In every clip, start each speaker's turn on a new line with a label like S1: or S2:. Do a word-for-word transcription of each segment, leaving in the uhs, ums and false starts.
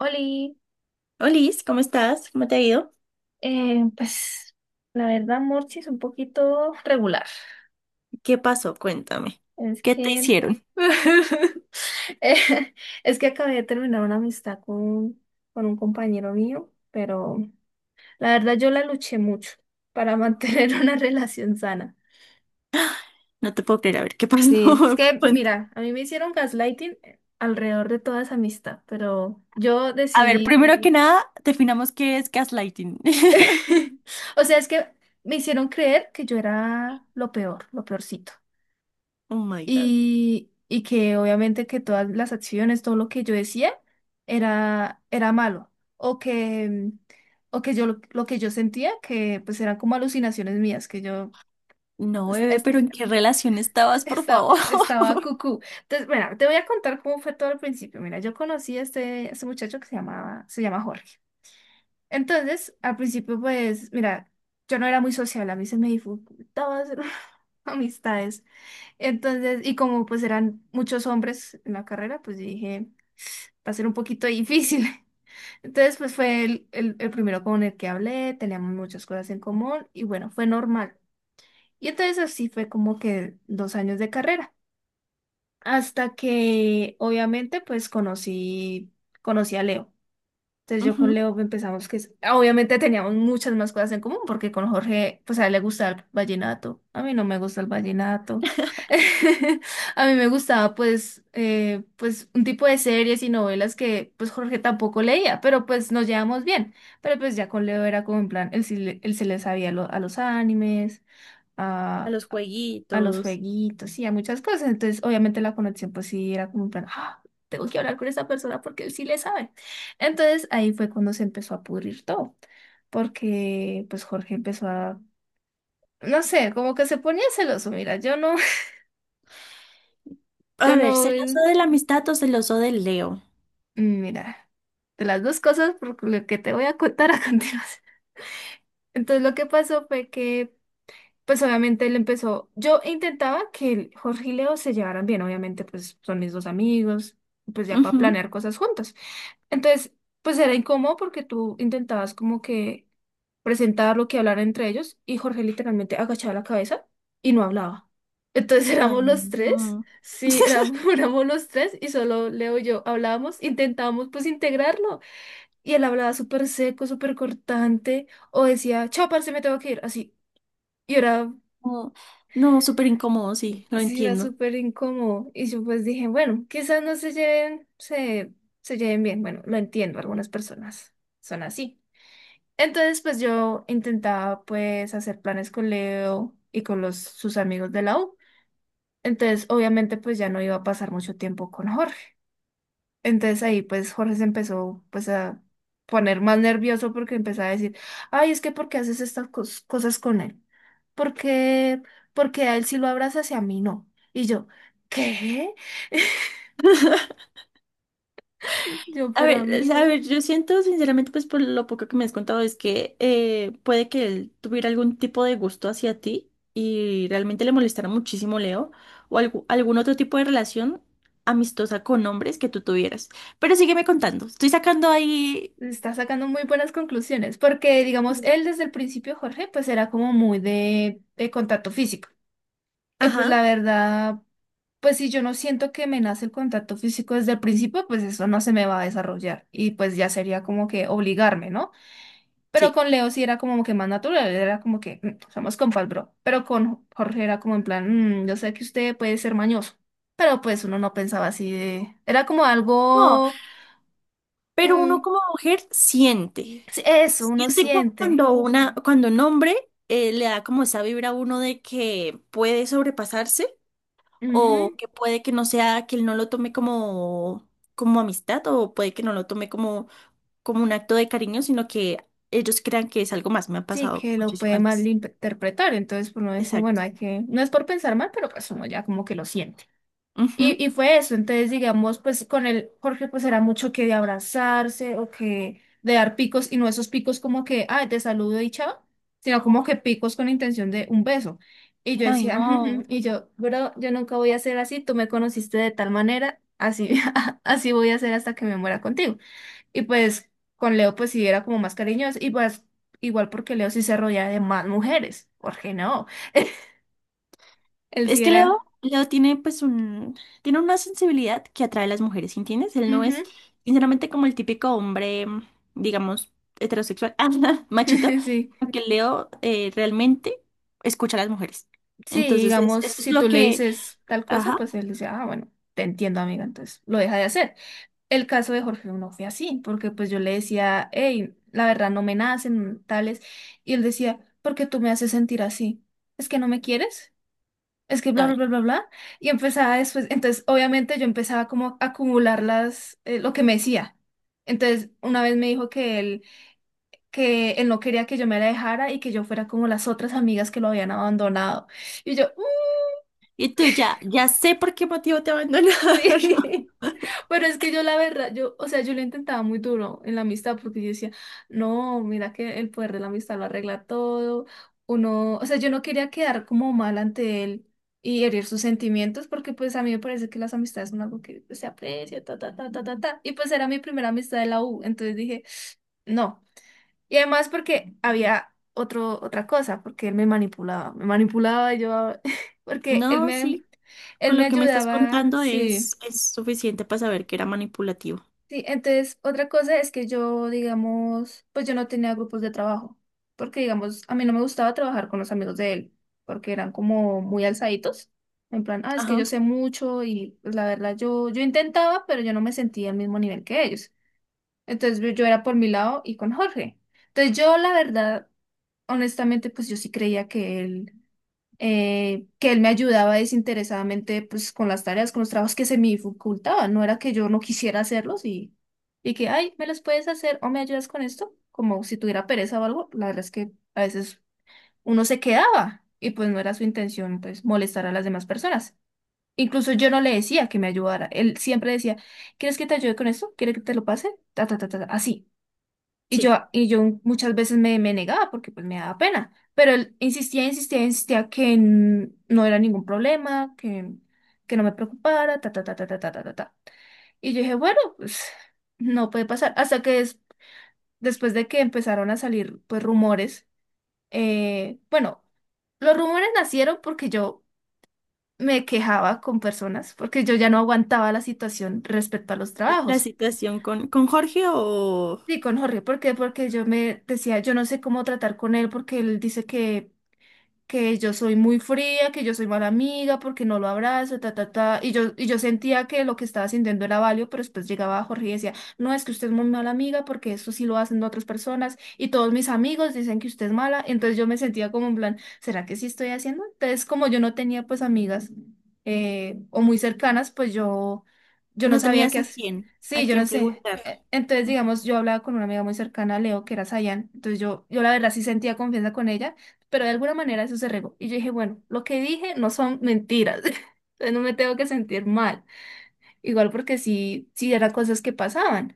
S1: Oli,
S2: Olis, ¿cómo estás? ¿Cómo te ha ido?
S1: eh, pues la verdad Morchi es un poquito regular.
S2: ¿Qué pasó? Cuéntame.
S1: Es
S2: ¿Qué te
S1: que
S2: hicieron?
S1: eh, es que acabé de terminar una amistad con, con un compañero mío, pero la verdad yo la luché mucho para mantener una relación sana.
S2: No te puedo creer. A ver, ¿qué pasó?
S1: Sí, es que
S2: Cuéntame.
S1: mira, a mí me hicieron gaslighting eh, alrededor de toda esa amistad, pero yo
S2: A ver,
S1: decidí.
S2: primero que nada, definamos qué es gaslighting.
S1: O sea, es que me hicieron creer que yo era lo peor, lo peorcito.
S2: Oh my God.
S1: y, y que obviamente que todas las acciones, todo lo que yo decía era, era malo, o que, mm, o que yo lo, lo que yo sentía, que pues eran como alucinaciones mías, que yo
S2: No,
S1: est-
S2: bebé,
S1: est-
S2: pero ¿en qué relación estabas, por
S1: esta-
S2: favor?
S1: estaba cucú. Entonces, bueno, te voy a contar cómo fue todo al principio. Mira, yo conocí a este, a este muchacho que se llamaba, se llama Jorge. Entonces, al principio, pues, mira, yo no era muy sociable, a mí se me dificultaba hacer amistades. Entonces, y como pues eran muchos hombres en la carrera, pues dije, va a ser un poquito difícil. Entonces, pues fue el, el, el primero con el que hablé, teníamos muchas cosas en común y bueno, fue normal. Y entonces así fue como que dos años de carrera, hasta que obviamente pues conocí, conocí a Leo. Entonces yo con
S2: Ujú.
S1: Leo empezamos que es- obviamente teníamos muchas más cosas en común, porque con Jorge, pues a él le gusta el vallenato, a mí no me gusta el vallenato. A mí me gustaba pues eh, pues un tipo de series y novelas que pues Jorge tampoco leía, pero pues nos llevamos bien. Pero pues ya con Leo era como en plan, él sí, le- él se le sabía lo- a los animes,
S2: A los
S1: a los
S2: jueguitos.
S1: jueguitos y a muchas cosas. Entonces, obviamente la conexión, pues sí, era como un plan, ah, tengo que hablar con esa persona porque él sí le sabe. Entonces, ahí fue cuando se empezó a pudrir todo, porque pues Jorge empezó a, no sé, como que se ponía celoso, mira, yo no, yo
S2: A ver,
S1: no, eh,
S2: ¿celoso de la amistad o celoso del Leo?
S1: mira, de las dos cosas por lo que te voy a contar a continuación. Entonces, lo que pasó fue que pues obviamente él empezó, yo intentaba que el Jorge y Leo se llevaran bien, obviamente pues son mis dos amigos, pues ya para
S2: Ujú.
S1: planear cosas juntos. Entonces, pues era incómodo porque tú intentabas como que presentar lo que hablar entre ellos, y Jorge literalmente agachaba la cabeza y no hablaba. Entonces
S2: Ay,
S1: éramos los tres,
S2: no.
S1: sí, éramos, éramos los tres y solo Leo y yo hablábamos, intentábamos pues integrarlo, y él hablaba súper seco, súper cortante, o decía, chao, parce, me tengo que ir, así. Y era
S2: No, no, súper incómodo, sí, lo
S1: Sí, era
S2: entiendo.
S1: súper incómodo. Y yo pues dije, bueno, quizás no se lleven, se, se lleven bien. Bueno, lo entiendo, algunas personas son así. Entonces, pues yo intentaba pues hacer planes con Leo y con los, sus amigos de la U. Entonces, obviamente, pues ya no iba a pasar mucho tiempo con Jorge. Entonces ahí pues Jorge se empezó pues a poner más nervioso porque empezaba a decir, ay, es que ¿por qué haces estas cos- cosas con él? por qué ¿Porque a él sí lo abrazas y a mí no? Y yo, ¿qué? Yo,
S2: A
S1: pero
S2: ver, eh, a
S1: amigo,
S2: ver, yo siento sinceramente, pues por lo poco que me has contado, es que eh, puede que él tuviera algún tipo de gusto hacia ti y realmente le molestara muchísimo Leo o algu- algún otro tipo de relación amistosa con hombres que tú tuvieras. Pero sígueme contando, estoy sacando ahí...
S1: está sacando muy buenas conclusiones, porque digamos, él desde el principio, Jorge, pues era como muy de, de contacto físico. Y pues la
S2: Ajá,
S1: verdad, pues si yo no siento que me nace el contacto físico desde el principio, pues eso no se me va a desarrollar, y pues ya sería como que obligarme, ¿no? Pero
S2: sí.
S1: con Leo sí era como que más natural, era como que "Mm, somos compas, bro". Pero con Jorge era como en plan, "Mm, yo sé que usted puede ser mañoso". Pero pues uno no pensaba así. De... Era como
S2: No,
S1: algo.
S2: pero uno
S1: mm,
S2: como mujer siente,
S1: sí, eso, uno
S2: siente cu-
S1: siente.
S2: cuando una, cuando un hombre eh, le da como esa vibra a uno de que puede sobrepasarse. O
S1: Ujú,
S2: que puede que no sea, que él no lo tome como, como amistad o puede que no lo tome como, como un acto de cariño, sino que ellos crean que es algo más. Me ha
S1: sí,
S2: pasado
S1: que lo puede
S2: muchísimas veces.
S1: malinterpretar. Entonces pues, uno dice, bueno,
S2: Exacto.
S1: hay que. No es por pensar mal, pero pues uno ya como que lo siente.
S2: Ujú.
S1: Y, y fue eso. Entonces digamos, pues con el Jorge pues era mucho que de abrazarse, o que de dar picos, y no esos picos como que, ah, te saludo y chao, sino como que picos con intención de un beso. Y yo
S2: Ay,
S1: decía, "Ujú, ujú",
S2: no.
S1: y yo, bro, yo nunca voy a ser así, tú me conociste de tal manera, así, así voy a ser hasta que me muera contigo. Y pues con Leo pues sí era como más cariñoso, y pues igual porque Leo sí se rodeaba de más mujeres, Jorge no, él
S2: Es
S1: sí
S2: que Leo,
S1: era,
S2: Leo tiene pues un, tiene una sensibilidad que atrae a las mujeres, ¿entiendes? Él no es,
S1: ujú,
S2: sinceramente, como el típico hombre, digamos, heterosexual, ah, no, machito,
S1: sí.
S2: porque Leo eh, realmente escucha a las mujeres.
S1: Sí,
S2: Entonces, es-
S1: digamos,
S2: eso es
S1: si tú
S2: lo
S1: le
S2: que,
S1: dices tal cosa,
S2: ajá.
S1: pues él dice, ah, bueno, te entiendo, amiga, entonces lo deja de hacer. El caso de Jorge no fue así, porque pues yo le decía, hey, la verdad no me nacen tales, y él decía, ¿por qué tú me haces sentir así? ¿Es que no me quieres? Es que bla, bla, bla, bla, bla. Y empezaba después, entonces obviamente yo empezaba como a acumular las, eh, lo que me decía. Entonces, una vez me dijo que él, que él no quería que yo me la dejara y que yo fuera como las otras amigas que lo habían abandonado. Y yo,
S2: Y tú ya, ya sé por qué motivo te abandonaron.
S1: sí, pero es que yo la verdad, yo, o sea, yo lo intentaba muy duro en la amistad porque yo decía, no, mira que el poder de la amistad lo arregla todo, uno, o sea, yo no quería quedar como mal ante él y herir sus sentimientos, porque pues a mí me parece que las amistades son algo que se aprecia, ta, ta, ta, ta, ta, ta, y pues era mi primera amistad de la U, entonces dije, no, y además porque había otro, otra cosa, porque él me manipulaba, me manipulaba, y yo, porque él
S2: No,
S1: me.
S2: sí,
S1: Él
S2: con
S1: me
S2: lo que me estás
S1: ayudaba,
S2: contando
S1: sí.
S2: es, es suficiente para saber que era manipulativo.
S1: Sí, entonces otra cosa es que yo, digamos, pues yo no tenía grupos de trabajo, porque digamos, a mí no me gustaba trabajar con los amigos de él, porque eran como muy alzaditos, en plan, ah, es que yo
S2: Ajá,
S1: sé mucho, y pues, la verdad yo, yo intentaba, pero yo no me sentía al mismo nivel que ellos. Entonces yo yo era por mi lado y con Jorge. Entonces yo, la verdad, honestamente, pues yo sí creía que él eh, que él me ayudaba desinteresadamente pues con las tareas, con los trabajos que se me dificultaban, no era que yo no quisiera hacerlos y, y que, ay, ¿me los puedes hacer o me ayudas con esto? Como si tuviera pereza o algo, la verdad es que a veces uno se quedaba y pues no era su intención pues molestar a las demás personas. Incluso yo no le decía que me ayudara, él siempre decía, ¿quieres que te ayude con esto? ¿Quieres que te lo pase? Ta, ta, ta, ta, ta, así. Y
S2: sí.
S1: yo, y yo muchas veces me, me negaba porque pues me daba pena, pero él insistía, insistía, insistía que n- no era ningún problema, que, que no me preocupara, ta, ta, ta, ta, ta, ta, ta, ta, ta. Y yo dije, bueno, pues no puede pasar. Hasta que des- después de que empezaron a salir pues rumores, eh, bueno, los rumores nacieron porque yo me quejaba con personas, porque yo ya no aguantaba la situación respecto a los
S2: La
S1: trabajos.
S2: situación con, con Jorge o
S1: Sí, con Jorge, ¿por qué? Porque yo me decía, yo no sé cómo tratar con él porque él dice que que yo soy muy fría, que yo soy mala amiga, porque no lo abrazo, ta, ta, ta. Y yo, y yo sentía que lo que estaba sintiendo era válido, pero después llegaba Jorge y decía, no, es que usted es muy mala amiga, porque eso sí lo hacen otras personas, y todos mis amigos dicen que usted es mala, entonces yo me sentía como en plan, ¿será que sí estoy haciendo? Entonces, como yo no tenía pues amigas eh, o muy cercanas, pues yo, yo no
S2: no
S1: sabía qué
S2: tenías a
S1: hacer.
S2: quién,
S1: Sí,
S2: a
S1: yo no
S2: quién
S1: sé.
S2: preguntar.
S1: Eh, Entonces, digamos, yo hablaba con una amiga muy cercana, a Leo, que era Sayan. Entonces, yo, yo la verdad sí sentía confianza con ella, pero de alguna manera eso se regó. Y yo dije, bueno, lo que dije no son mentiras, entonces no me tengo que sentir mal, igual porque sí, sí eran cosas que pasaban.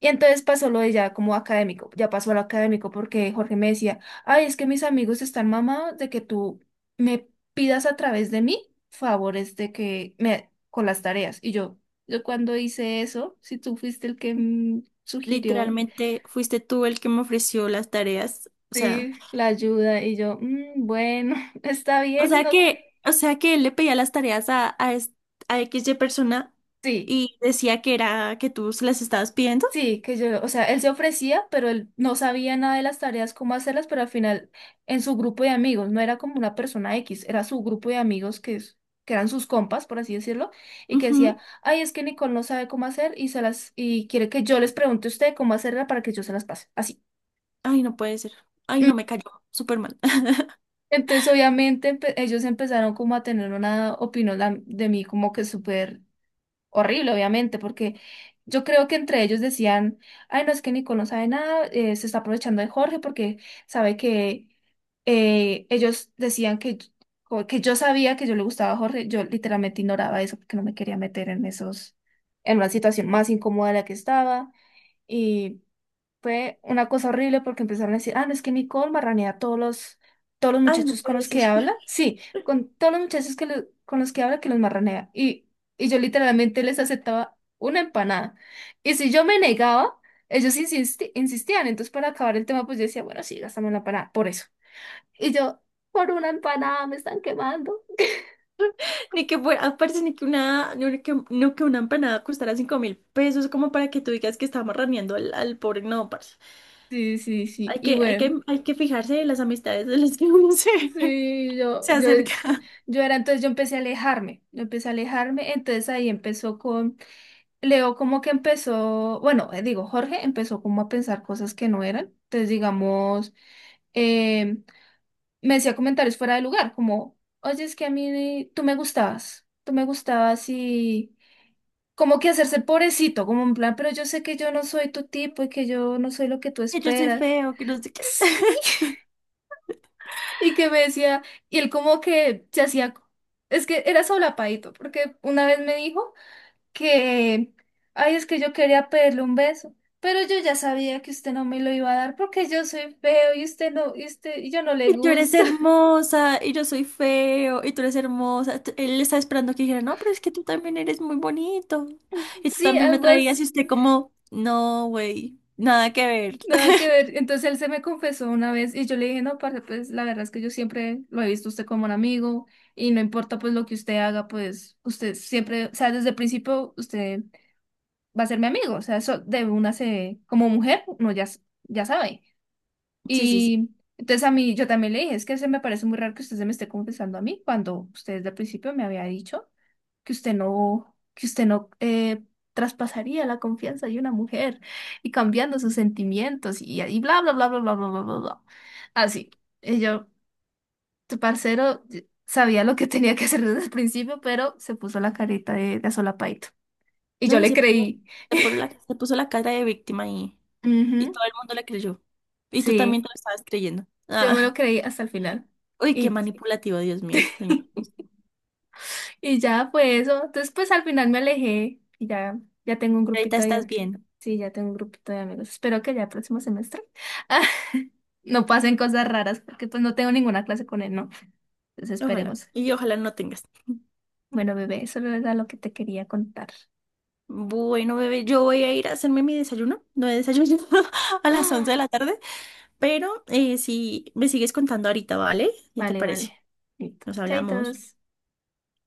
S1: Y entonces pasó lo de ya como académico, ya pasó a lo académico, porque Jorge me decía, ay, es que mis amigos están mamados de que tú me pidas a través de mí favores de que me con las tareas. Y yo, yo cuando hice eso, si tú fuiste el que mm, sugirió,
S2: Literalmente fuiste tú el que me ofreció las tareas. O sea,
S1: sí, la ayuda, y yo, "Mm, bueno, está
S2: o
S1: bien,
S2: sea
S1: no,
S2: que, o sea que él le pedía las tareas a, a, es- a X Y persona
S1: sí,
S2: y decía que era que tú se las estabas pidiendo.
S1: sí, que yo, o sea, él se ofrecía, pero él no sabía nada de las tareas, cómo hacerlas, pero al final en su grupo de amigos, no era como una persona X, era su grupo de amigos que, es- que eran sus compas, por así decirlo, y que decía,
S2: Ujú.
S1: ay, es que Nicole no sabe cómo hacer y se las, y quiere que yo les pregunte a usted cómo hacerla para que yo se las pase, así.
S2: Ay, no puede ser. Ay,
S1: Mm,
S2: no me cayó. Superman.
S1: Entonces, obviamente, empe- ellos empezaron como a tener una opinión la- de mí como que súper horrible, obviamente, porque yo creo que entre ellos decían, ay, no, es que Nico no sabe nada, eh, se está aprovechando de Jorge porque sabe que eh, ellos decían que, yo- que yo sabía que yo le gustaba a Jorge. Yo literalmente ignoraba eso porque no me quería meter en esos, en una situación más incómoda de la que estaba. Fue una cosa horrible porque empezaron a decir, ah, no, es que Nicole marranea a todos los, todos los
S2: Ay, no
S1: muchachos con
S2: puede
S1: los
S2: ser.
S1: que habla. Sí, con todos los muchachos que lo- con los que habla, que los marranea. Y, y yo literalmente les aceptaba una empanada. Y si yo me negaba, ellos insisti- insistían. Entonces, para acabar el tema, pues yo decía, bueno, sí, gástame una empanada, por eso. Y yo, por una empanada me están quemando.
S2: Ni que fuera, aparte ni que una, no que, no que una empanada costara cinco mil pesos como para que tú digas que estamos raneando al, al pobre. No, parce.
S1: Sí, sí, sí.
S2: Hay
S1: Y
S2: que, hay
S1: bueno,
S2: que, hay que fijarse en las amistades de las que uno se,
S1: sí, yo,
S2: se
S1: yo,
S2: acerca.
S1: yo era, entonces yo empecé a alejarme, yo empecé a alejarme, entonces ahí empezó con Leo como que empezó, bueno, eh, digo, Jorge empezó como a pensar cosas que no eran. Entonces, digamos, eh, me decía comentarios fuera de lugar, como, oye, es que a mí tú me gustabas, tú me gustabas y como que hacerse el pobrecito, como en plan, pero yo sé que yo no soy tu tipo y que yo no soy lo que tú
S2: Que yo soy
S1: esperas.
S2: feo, que no sé qué.
S1: Sí. Y que me decía, y él como que se hacía, es que era solapadito, porque una vez me dijo que, ay, es que yo quería pedirle un beso, pero yo ya sabía que usted no me lo iba a dar porque yo soy feo y usted no, y usted, y yo no le
S2: Y tú eres
S1: gusto.
S2: hermosa, y yo soy feo, y tú eres hermosa. T- Él estaba esperando que dijera, no, pero es que tú también eres muy bonito. Y tú
S1: Sí,
S2: también me
S1: algo
S2: traías y
S1: así,
S2: usted como, no, güey, nada que ver.
S1: nada que ver. Entonces él se me confesó una vez y yo le dije, no, parce, pues la verdad es que yo siempre lo he visto a usted como un amigo y no importa pues lo que usted haga, pues usted siempre, o sea, desde el principio usted va a ser mi amigo, o sea, eso de una se, como mujer, no ya, s- ya sabe.
S2: Sí, sí, sí.
S1: Y entonces a mí, yo también le dije, es que se me parece muy raro que usted se me esté confesando a mí cuando usted desde el principio me había dicho que usted no, que usted no eh, traspasaría la confianza de una mujer y cambiando sus sentimientos y, y bla, bla, bla, bla, bla, bla, bla, bla, bla. Así. Y yo, tu parcero y- sabía lo que tenía que hacer desde el principio, pero se puso la carita de, de solapaito. Y
S2: No,
S1: yo
S2: y
S1: le
S2: se puso,
S1: creí.
S2: se puso la, se puso la cara de víctima y, y
S1: Ujú,
S2: todo el mundo le creyó. Y tú también
S1: sí,
S2: te lo estabas creyendo.
S1: yo me lo
S2: Ah,
S1: creí hasta el final.
S2: uy, qué
S1: Y
S2: manipulativo, Dios mío, señor.
S1: y ya fue eso. Entonces, pues al final me alejé y ya, ya tengo un
S2: Ahorita
S1: grupito de
S2: estás
S1: amigos.
S2: bien.
S1: Sí, ya tengo un grupito de amigos. Espero que ya el próximo semestre no pasen cosas raras porque pues no tengo ninguna clase con él, ¿no? Entonces
S2: Ojalá.
S1: esperemos.
S2: Y ojalá no tengas.
S1: Bueno, bebé, eso era lo que te quería contar.
S2: Bueno, bebé, yo voy a ir a hacerme mi desayuno. No he desayunado a las once de
S1: ¡Ah!
S2: la tarde. Pero eh, si me sigues contando ahorita, ¿vale? ¿Qué te
S1: Vale,
S2: parece?
S1: vale. Listo.
S2: Nos hablamos.
S1: Chaitos.